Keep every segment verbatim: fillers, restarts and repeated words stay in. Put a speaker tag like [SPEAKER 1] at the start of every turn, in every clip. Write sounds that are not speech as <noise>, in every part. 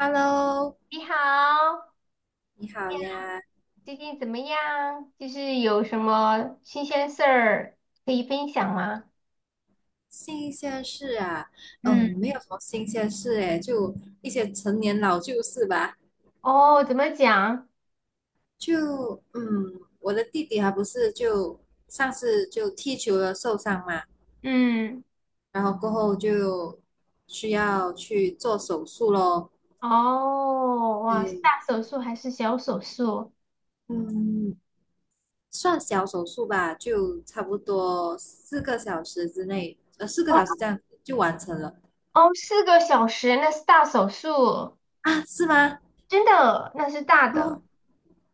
[SPEAKER 1] Hello，
[SPEAKER 2] 你好，
[SPEAKER 1] 你好呀。
[SPEAKER 2] 最近怎么样？就是有什么新鲜事儿可以分享吗？
[SPEAKER 1] 新鲜事啊？嗯，
[SPEAKER 2] 嗯。
[SPEAKER 1] 没有什么新鲜事诶，就一些陈年老旧事吧。
[SPEAKER 2] 哦，怎么讲？
[SPEAKER 1] 就嗯，我的弟弟还不是就上次就踢球了受伤嘛，
[SPEAKER 2] 嗯。
[SPEAKER 1] 然后过后就需要去做手术咯。
[SPEAKER 2] 哦，哇，是
[SPEAKER 1] 对。
[SPEAKER 2] 大手术还是小手术？
[SPEAKER 1] 嗯，算小手术吧，就差不多四个小时之内，呃，四个
[SPEAKER 2] 哇。
[SPEAKER 1] 小时这样就完成了。
[SPEAKER 2] 哦，四个小时，那是大手术，
[SPEAKER 1] 啊？是吗？
[SPEAKER 2] 真的，那是大的，
[SPEAKER 1] 哦。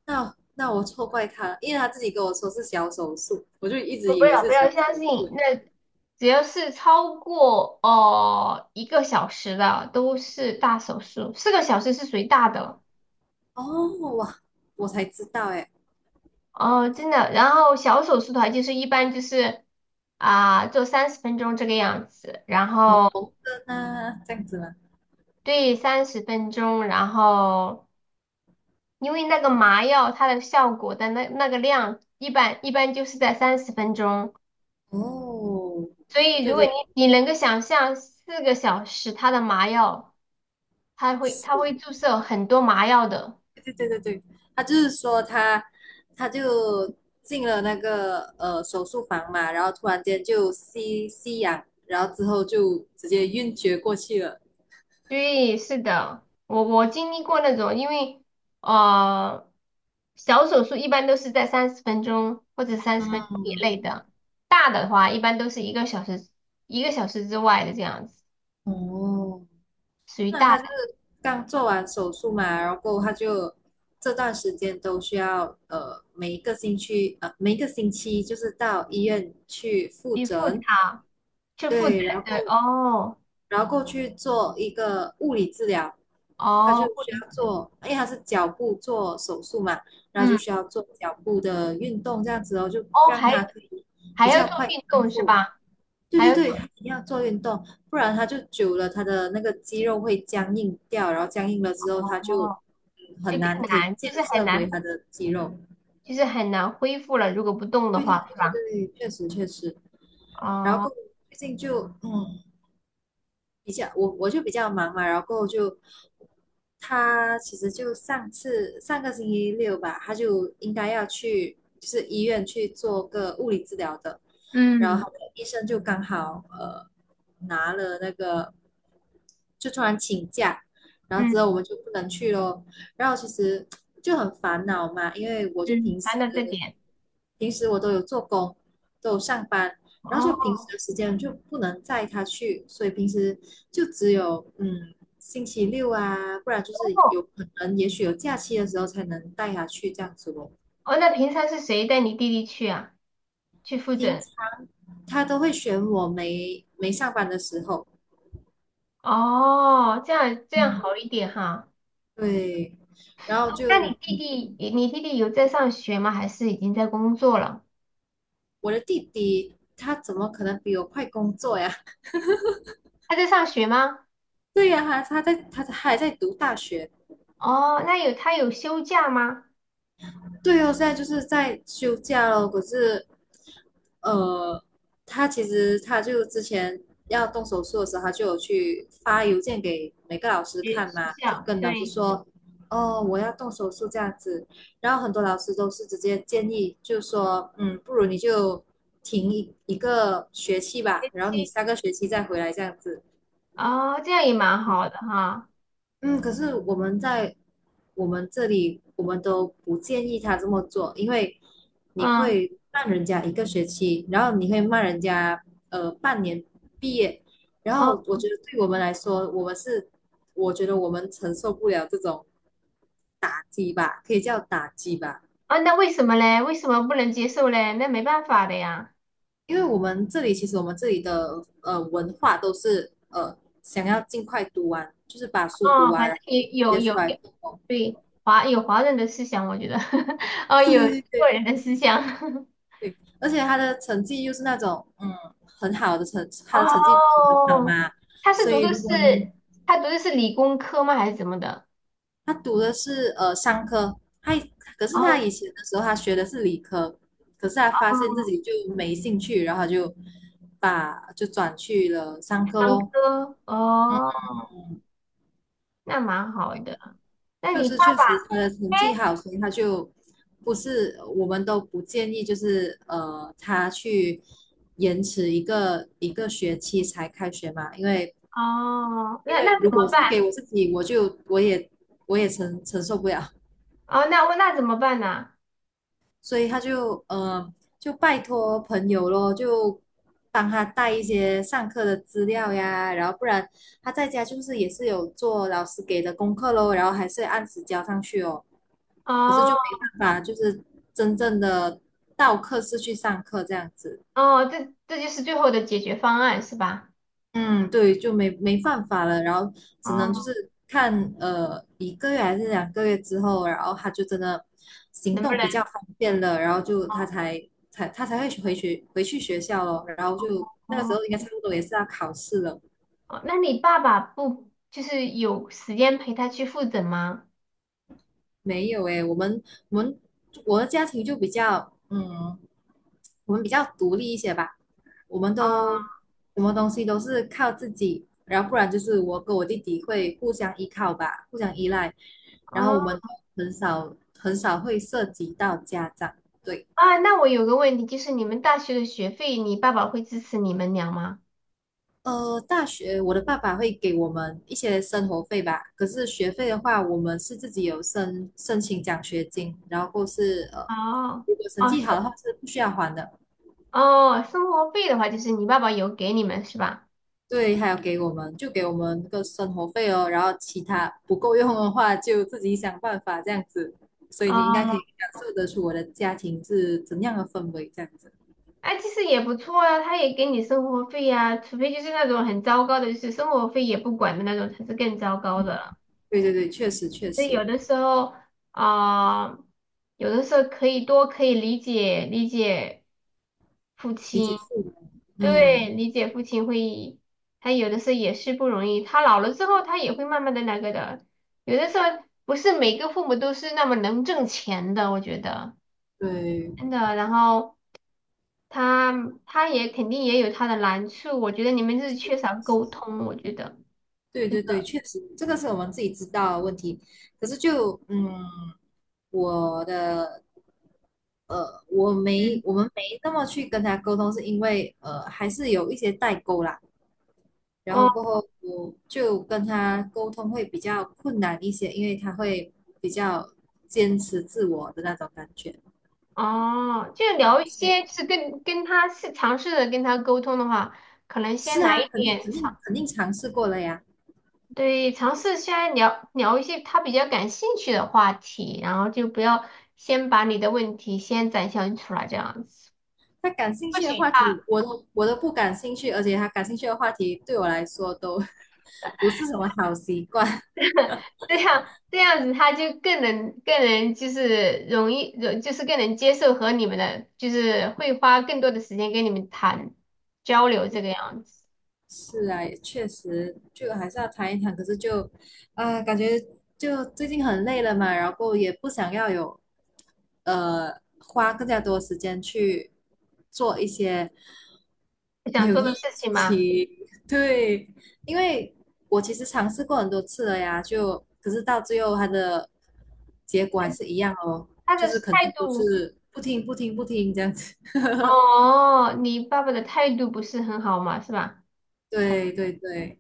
[SPEAKER 1] 那那我错怪他了，因为他自己跟我说是小手术，我就一直
[SPEAKER 2] 我不
[SPEAKER 1] 以为
[SPEAKER 2] 要
[SPEAKER 1] 是
[SPEAKER 2] 不
[SPEAKER 1] 小
[SPEAKER 2] 要相信。
[SPEAKER 1] 手术。
[SPEAKER 2] 那只要是超过哦一个小时的都是大手术，四个小时是属于大的。
[SPEAKER 1] 哦，哇，我才知道哎。
[SPEAKER 2] 哦，真的。然后小手术的话，就是一般就是，啊、做三十分钟这个样子，然
[SPEAKER 1] 哦，
[SPEAKER 2] 后
[SPEAKER 1] 缝针啊，这样子吗？
[SPEAKER 2] 对，三十分钟，然后因为那个麻药它的效果的那那个量，一般一般就是在三十分钟，
[SPEAKER 1] 哦，
[SPEAKER 2] 所以如
[SPEAKER 1] 对
[SPEAKER 2] 果
[SPEAKER 1] 对
[SPEAKER 2] 你你能够想象四个小时它的麻药，它会它
[SPEAKER 1] 是
[SPEAKER 2] 会注射很多麻药的。
[SPEAKER 1] 对对对对对，他就是说他他就进了那个呃手术房嘛，然后突然间就吸吸氧，然后之后就直接晕厥过去了。
[SPEAKER 2] 对，是的，我我经历过那种，因为。啊。小手术一般都是在三十分钟或者三十分钟以
[SPEAKER 1] 嗯。
[SPEAKER 2] 内的，大的话一般都是一个小时，一个小时之外的这样子，
[SPEAKER 1] 哦，
[SPEAKER 2] 属于
[SPEAKER 1] 那
[SPEAKER 2] 大
[SPEAKER 1] 他就
[SPEAKER 2] 的。
[SPEAKER 1] 是刚做完手术嘛，然后他就这段时间都需要呃每一个星期呃每一个星期就是到医院去复
[SPEAKER 2] 去复
[SPEAKER 1] 诊。
[SPEAKER 2] 查，去复诊。
[SPEAKER 1] 对，然后
[SPEAKER 2] 对，哦。
[SPEAKER 1] 然后过去做一个物理治疗，他就
[SPEAKER 2] 哦，物
[SPEAKER 1] 需
[SPEAKER 2] 理治
[SPEAKER 1] 要
[SPEAKER 2] 疗。
[SPEAKER 1] 做，因为他是脚部做手术嘛，然后就
[SPEAKER 2] 嗯。
[SPEAKER 1] 需要做脚部的运动这样子哦，就
[SPEAKER 2] 哦，
[SPEAKER 1] 让
[SPEAKER 2] 还
[SPEAKER 1] 他可以
[SPEAKER 2] 还
[SPEAKER 1] 比
[SPEAKER 2] 要
[SPEAKER 1] 较
[SPEAKER 2] 做
[SPEAKER 1] 快
[SPEAKER 2] 运
[SPEAKER 1] 康
[SPEAKER 2] 动是
[SPEAKER 1] 复。
[SPEAKER 2] 吧？
[SPEAKER 1] 对
[SPEAKER 2] 还
[SPEAKER 1] 对
[SPEAKER 2] 要
[SPEAKER 1] 对，
[SPEAKER 2] 做。
[SPEAKER 1] 他一定要做运动，不然他就久了，他的那个肌肉会僵硬掉，然后僵硬了之后，他就
[SPEAKER 2] 哦，
[SPEAKER 1] 嗯
[SPEAKER 2] 就
[SPEAKER 1] 很难
[SPEAKER 2] 更
[SPEAKER 1] 可以
[SPEAKER 2] 难，就
[SPEAKER 1] 建
[SPEAKER 2] 是很
[SPEAKER 1] 设回
[SPEAKER 2] 难，
[SPEAKER 1] 他的肌肉。
[SPEAKER 2] 就是很难恢复了，如果不动的
[SPEAKER 1] 对对
[SPEAKER 2] 话，
[SPEAKER 1] 对
[SPEAKER 2] 是吧？
[SPEAKER 1] 对对，确实确实。然后
[SPEAKER 2] 哦，
[SPEAKER 1] 过后最近就嗯比较我我就比较忙嘛，然后就他其实就上次上个星期六吧，他就应该要去就是医院去做个物理治疗的，然后
[SPEAKER 2] 嗯
[SPEAKER 1] 他的医生就刚好呃拿了那个就突然请假，然后
[SPEAKER 2] 嗯
[SPEAKER 1] 之后我们就不能去咯。然后其实就很烦恼嘛，因为我就
[SPEAKER 2] 嗯，
[SPEAKER 1] 平时
[SPEAKER 2] 谈到这点。
[SPEAKER 1] 平时我都有做工，都有上班，然后
[SPEAKER 2] 哦。
[SPEAKER 1] 就平时的时间就不能载他去，所以平时就只有嗯星期六啊，不然就是有可能也许有假期的时候才能带他去这样子哦。
[SPEAKER 2] 哦，那平常是谁带你弟弟去啊？去复
[SPEAKER 1] 平
[SPEAKER 2] 诊？
[SPEAKER 1] 常他都会选我没没上班的时候。
[SPEAKER 2] 哦，这样这样
[SPEAKER 1] 嗯，
[SPEAKER 2] 好一点哈。
[SPEAKER 1] 对，然后
[SPEAKER 2] 那你
[SPEAKER 1] 就
[SPEAKER 2] 弟弟，你你弟弟有在上学吗？还是已经在工作了？
[SPEAKER 1] 我的弟弟他怎么可能比我快工作呀？<laughs>
[SPEAKER 2] 他在上学吗？
[SPEAKER 1] 对呀、他他在他还在读大学。
[SPEAKER 2] 哦，那有他有休假吗？
[SPEAKER 1] 对哦，现在就是在休假咯，可是呃，他其实他就之前要动手术的时候，他就有去发邮件给每个老师
[SPEAKER 2] 学
[SPEAKER 1] 看
[SPEAKER 2] 学
[SPEAKER 1] 嘛，就
[SPEAKER 2] 校，
[SPEAKER 1] 跟老师
[SPEAKER 2] 对。
[SPEAKER 1] 说，哦，我要动手术这样子。然后很多老师都是直接建议，就说，嗯，不如你就停一一个学期
[SPEAKER 2] 学
[SPEAKER 1] 吧，然后你
[SPEAKER 2] 期。
[SPEAKER 1] 下个学期再回来这样子。
[SPEAKER 2] 哦，这样也蛮好的哈。
[SPEAKER 1] 嗯，可是我们在我们这里，我们都不建议他这么做，因为你
[SPEAKER 2] 嗯。
[SPEAKER 1] 会慢人家一个学期，然后你会骂人家呃半年毕业。然
[SPEAKER 2] 哦。
[SPEAKER 1] 后我觉得对我们来说，我们是我觉得我们承受不了这种打击吧，可以叫打击吧。
[SPEAKER 2] 哦，那为什么嘞？为什么不能接受嘞？那没办法的呀。
[SPEAKER 1] 因为我们这里其实我们这里的呃文化都是呃想要尽快读完，就是把书读
[SPEAKER 2] 哦，
[SPEAKER 1] 完，
[SPEAKER 2] 反正
[SPEAKER 1] 然后
[SPEAKER 2] 也
[SPEAKER 1] 直
[SPEAKER 2] 有
[SPEAKER 1] 接
[SPEAKER 2] 有
[SPEAKER 1] 出来
[SPEAKER 2] 有，
[SPEAKER 1] 做工。
[SPEAKER 2] 对，华有华人的思想，我觉得。<laughs> 哦，
[SPEAKER 1] 对
[SPEAKER 2] 有
[SPEAKER 1] 对
[SPEAKER 2] 中
[SPEAKER 1] 对
[SPEAKER 2] 国
[SPEAKER 1] 对，
[SPEAKER 2] 人的思想。<laughs>
[SPEAKER 1] 对，而且他的成绩又是那种嗯很好的成，他的成绩很好
[SPEAKER 2] 哦，
[SPEAKER 1] 嘛，
[SPEAKER 2] 他是
[SPEAKER 1] 所
[SPEAKER 2] 读的
[SPEAKER 1] 以
[SPEAKER 2] 是，
[SPEAKER 1] 如果你
[SPEAKER 2] 他读的是理工科吗？还是怎么的？
[SPEAKER 1] 他读的是呃商科。他可是他
[SPEAKER 2] 哦。
[SPEAKER 1] 以前的时候他学的是理科，可是他发
[SPEAKER 2] 哦，
[SPEAKER 1] 现自己就没兴趣，然后他就把就转去了商科
[SPEAKER 2] 商
[SPEAKER 1] 咯。
[SPEAKER 2] 科哦，
[SPEAKER 1] 嗯，
[SPEAKER 2] 那蛮好的。那
[SPEAKER 1] 就
[SPEAKER 2] 你爸
[SPEAKER 1] 是确实
[SPEAKER 2] 爸。
[SPEAKER 1] 他的成绩好，所以他就不是我们都不建议，就是呃他去延迟一个一个学期才开学嘛，因为。
[SPEAKER 2] 哦，那
[SPEAKER 1] 因
[SPEAKER 2] 那
[SPEAKER 1] 为
[SPEAKER 2] 怎
[SPEAKER 1] 如果
[SPEAKER 2] 么
[SPEAKER 1] 是给
[SPEAKER 2] 办？
[SPEAKER 1] 我自己，我就我也我也承承受不了。
[SPEAKER 2] 哦，那我那怎么办呢？
[SPEAKER 1] 所以他就呃就拜托朋友咯，就帮他带一些上课的资料呀，然后不然他在家就是也是有做老师给的功课咯，然后还是按时交上去哦。可是
[SPEAKER 2] 哦。
[SPEAKER 1] 就没办法，就是真正的到课室去上课这样子。
[SPEAKER 2] 哦，这这就是最后的解决方案是吧？
[SPEAKER 1] 嗯，对，就没没办法了，然后只能就
[SPEAKER 2] 哦，
[SPEAKER 1] 是看呃一个月还是两个月之后，然后他就真的行
[SPEAKER 2] 能不
[SPEAKER 1] 动
[SPEAKER 2] 能？
[SPEAKER 1] 比较方便了，然后就他才才他才会去回去回去学校咯，然后就那个
[SPEAKER 2] 哦。
[SPEAKER 1] 时候应该差不多也是要考试了。
[SPEAKER 2] 哦，那你爸爸不就是有时间陪他去复诊吗？
[SPEAKER 1] 没有诶，我们我们我的家庭就比较嗯。我们比较独立一些吧，我们都什么东西都是靠自己，然后不然就是我跟我弟弟会互相依靠吧，互相依赖。然后我
[SPEAKER 2] 哦。
[SPEAKER 1] 们很少很少会涉及到家长。对。
[SPEAKER 2] 啊，那我有个问题，就是你们大学的学费，你爸爸会支持你们俩吗？
[SPEAKER 1] 呃，大学我的爸爸会给我们一些生活费吧，可是学费的话，我们是自己有申申请奖学金，然后或是呃，
[SPEAKER 2] 哦。
[SPEAKER 1] 如果成
[SPEAKER 2] 哦，
[SPEAKER 1] 绩好的
[SPEAKER 2] 生
[SPEAKER 1] 话是不需要还的。
[SPEAKER 2] 哦，生活费的话，就是你爸爸有给你们是吧？
[SPEAKER 1] 对，还有给我们就给我们那个生活费哦，然后其他不够用的话就自己想办法这样子。所以你应该可
[SPEAKER 2] 哦。
[SPEAKER 1] 以感受得出我的家庭是怎样的氛围，这样子。
[SPEAKER 2] 哎，其实也不错啊，他也给你生活费呀，除非就是那种很糟糕的，就是生活费也不管的那种，才是更糟糕的
[SPEAKER 1] 嗯，
[SPEAKER 2] 了。
[SPEAKER 1] 对对对，确实确
[SPEAKER 2] 所以有
[SPEAKER 1] 实
[SPEAKER 2] 的时候，啊、有的时候可以多可以理解理解父
[SPEAKER 1] 理解
[SPEAKER 2] 亲，
[SPEAKER 1] 父母。
[SPEAKER 2] 对，
[SPEAKER 1] 嗯，
[SPEAKER 2] 理解父亲会，他有的时候也是不容易，他老了之后，他也会慢慢的那个的，有的时候不是每个父母都是那么能挣钱的，我觉得真
[SPEAKER 1] 对
[SPEAKER 2] 的，然后他他也肯定也有他的难处，我觉得你们就是缺少沟通，我觉得。
[SPEAKER 1] 对对对，确实这个是我们自己知道的问题。可是就嗯，我的呃，我没
[SPEAKER 2] 嗯。
[SPEAKER 1] 我们没那么去跟他沟通，是因为呃还是有一些代沟啦。然后
[SPEAKER 2] 哦。
[SPEAKER 1] 过后我就跟他沟通会比较困难一些，因为他会比较坚持自我的那种感觉。
[SPEAKER 2] 哦，就
[SPEAKER 1] 嗯，
[SPEAKER 2] 聊一
[SPEAKER 1] 所
[SPEAKER 2] 些，就
[SPEAKER 1] 以
[SPEAKER 2] 是跟跟他是尝试着跟他沟通的话，可能先
[SPEAKER 1] 是
[SPEAKER 2] 来
[SPEAKER 1] 啊，
[SPEAKER 2] 一
[SPEAKER 1] 肯定
[SPEAKER 2] 点
[SPEAKER 1] 肯
[SPEAKER 2] 尝。
[SPEAKER 1] 定肯定尝试过了呀。
[SPEAKER 2] 对，尝试先来聊聊一些他比较感兴趣的话题，然后就不要先把你的问题先展现出来，这样子，
[SPEAKER 1] 他感兴
[SPEAKER 2] 或
[SPEAKER 1] 趣的
[SPEAKER 2] 许
[SPEAKER 1] 话题，
[SPEAKER 2] 他，
[SPEAKER 1] 我都我都不感兴趣，而且他感兴趣的话题对我来说都 <laughs> 不是什么好习惯。<laughs>
[SPEAKER 2] 这样这样子，他就更能更能就是容易，容就是更能接受和你们的，就是会花更多的时间跟你们谈交流这个样子，
[SPEAKER 1] 是啊，也确实就还是要谈一谈，可是就，啊、感觉就最近很累了嘛，然后过后也不想要有呃花更加多时间去做一些
[SPEAKER 2] 你
[SPEAKER 1] 没
[SPEAKER 2] 想
[SPEAKER 1] 有
[SPEAKER 2] 做
[SPEAKER 1] 意
[SPEAKER 2] 的
[SPEAKER 1] 义
[SPEAKER 2] 事
[SPEAKER 1] 的
[SPEAKER 2] 情
[SPEAKER 1] 事
[SPEAKER 2] 吗？
[SPEAKER 1] 情。<laughs> 对。因为我其实尝试过很多次了呀，就可是到最后它的结果还是一样哦，
[SPEAKER 2] 他
[SPEAKER 1] 就
[SPEAKER 2] 的
[SPEAKER 1] 是肯
[SPEAKER 2] 态
[SPEAKER 1] 定都
[SPEAKER 2] 度。
[SPEAKER 1] 是不听不听不听这样子。<laughs>
[SPEAKER 2] 哦，你爸爸的态度不是很好嘛，是吧？还，
[SPEAKER 1] 对对对，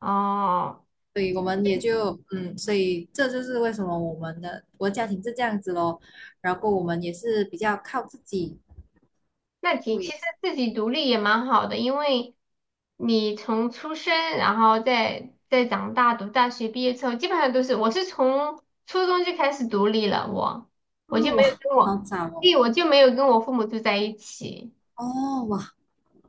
[SPEAKER 2] 哦。
[SPEAKER 1] 所以我们也就嗯，所以这就是为什么我们的我的家庭是这样子咯。然后我们也是比较靠自己。
[SPEAKER 2] 那其其
[SPEAKER 1] 对。
[SPEAKER 2] 实自己独立也蛮好的，因为你从出生，然后再再长大，读大学毕业之后，基本上都是我是从初中就开始独立了，我，
[SPEAKER 1] 啊、
[SPEAKER 2] 我就没有
[SPEAKER 1] 哇，
[SPEAKER 2] 跟
[SPEAKER 1] 好
[SPEAKER 2] 我，
[SPEAKER 1] 早哦。
[SPEAKER 2] 对，我就没有跟我父母住在一起。
[SPEAKER 1] 哦哇，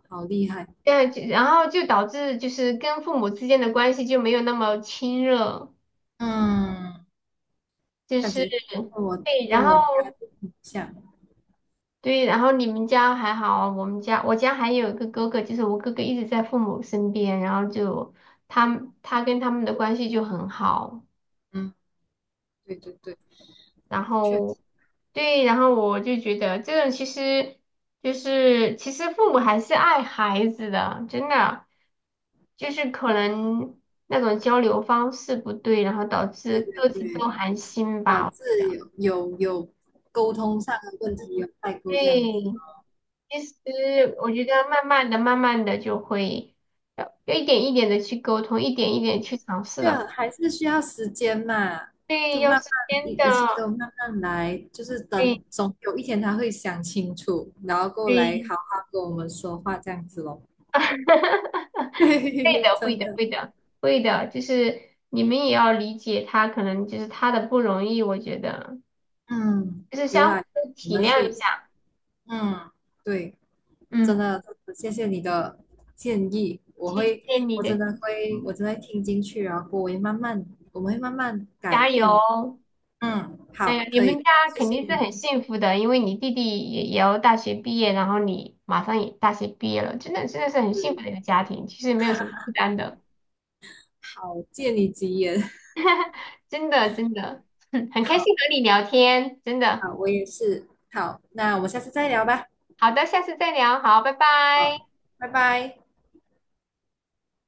[SPEAKER 1] 好厉害。
[SPEAKER 2] 对，就然后就导致就是跟父母之间的关系就没有那么亲热，
[SPEAKER 1] 嗯，
[SPEAKER 2] 就
[SPEAKER 1] 感
[SPEAKER 2] 是。
[SPEAKER 1] 觉跟我
[SPEAKER 2] 对。然
[SPEAKER 1] 跟我家
[SPEAKER 2] 后
[SPEAKER 1] 就很像。
[SPEAKER 2] 对，然后你们家还好，我们家我家还有一个哥哥，就是我哥哥一直在父母身边，然后就他们，他跟他们的关系就很好，
[SPEAKER 1] 嗯，对对对，
[SPEAKER 2] 然
[SPEAKER 1] 确
[SPEAKER 2] 后。
[SPEAKER 1] 实，
[SPEAKER 2] 对，然后我就觉得这种其实就是其实父母还是爱孩子的，真的，就是可能那种交流方式不对，然后导致
[SPEAKER 1] 对对
[SPEAKER 2] 各自都
[SPEAKER 1] 对，
[SPEAKER 2] 寒心
[SPEAKER 1] 导
[SPEAKER 2] 吧。
[SPEAKER 1] 致有有有沟通上的问题，有代沟这样子。
[SPEAKER 2] 对。其实我觉得慢慢的、慢慢的就会，呃要一点一点的去沟通，一点一点去尝试
[SPEAKER 1] 就
[SPEAKER 2] 了。
[SPEAKER 1] 还是需要时间嘛，
[SPEAKER 2] 对，
[SPEAKER 1] 就
[SPEAKER 2] 要
[SPEAKER 1] 慢
[SPEAKER 2] 是
[SPEAKER 1] 慢一
[SPEAKER 2] 真
[SPEAKER 1] 一切
[SPEAKER 2] 的，
[SPEAKER 1] 都慢慢来，就是
[SPEAKER 2] 对
[SPEAKER 1] 等总有一天他会想清楚，然后过来
[SPEAKER 2] 对，
[SPEAKER 1] 好好跟我们说话这样子咯。
[SPEAKER 2] <laughs>
[SPEAKER 1] <laughs> 嘿嘿
[SPEAKER 2] 会
[SPEAKER 1] 嘿，
[SPEAKER 2] 的，会
[SPEAKER 1] 真
[SPEAKER 2] 的，
[SPEAKER 1] 的。
[SPEAKER 2] 会的，会的，就是你们也要理解他，可能就是他的不容易，我觉得
[SPEAKER 1] 嗯，
[SPEAKER 2] 就是
[SPEAKER 1] 有
[SPEAKER 2] 相互
[SPEAKER 1] 啊，我
[SPEAKER 2] 体
[SPEAKER 1] 们
[SPEAKER 2] 谅一
[SPEAKER 1] 是。
[SPEAKER 2] 下。
[SPEAKER 1] 嗯，对。真
[SPEAKER 2] 嗯。
[SPEAKER 1] 的，谢谢你的建议，我
[SPEAKER 2] 谢
[SPEAKER 1] 会。
[SPEAKER 2] 谢你
[SPEAKER 1] 我真
[SPEAKER 2] 的。
[SPEAKER 1] 的会，
[SPEAKER 2] 嗯。
[SPEAKER 1] 我真的会听进去，然后我会慢慢，我们会慢慢改
[SPEAKER 2] 加
[SPEAKER 1] 变。
[SPEAKER 2] 油。
[SPEAKER 1] 嗯，
[SPEAKER 2] 哎
[SPEAKER 1] 好，
[SPEAKER 2] 呀，你
[SPEAKER 1] 可
[SPEAKER 2] 们
[SPEAKER 1] 以，
[SPEAKER 2] 家
[SPEAKER 1] 谢
[SPEAKER 2] 肯
[SPEAKER 1] 谢
[SPEAKER 2] 定是很
[SPEAKER 1] 你。
[SPEAKER 2] 幸福的，因为你弟弟也也要大学毕业，然后你马上也大学毕业了，真的真的是很幸福的一个家庭，其实没有什么负
[SPEAKER 1] <laughs>
[SPEAKER 2] 担的。
[SPEAKER 1] 好，借你吉言。
[SPEAKER 2] <laughs> 真的真的。<laughs> 很
[SPEAKER 1] <laughs>
[SPEAKER 2] 开
[SPEAKER 1] 好，
[SPEAKER 2] 心和你聊天，真的。
[SPEAKER 1] 好，我也是。好，那我们下次再聊吧。
[SPEAKER 2] 好的，下次再聊，好，拜拜。
[SPEAKER 1] 好，拜拜。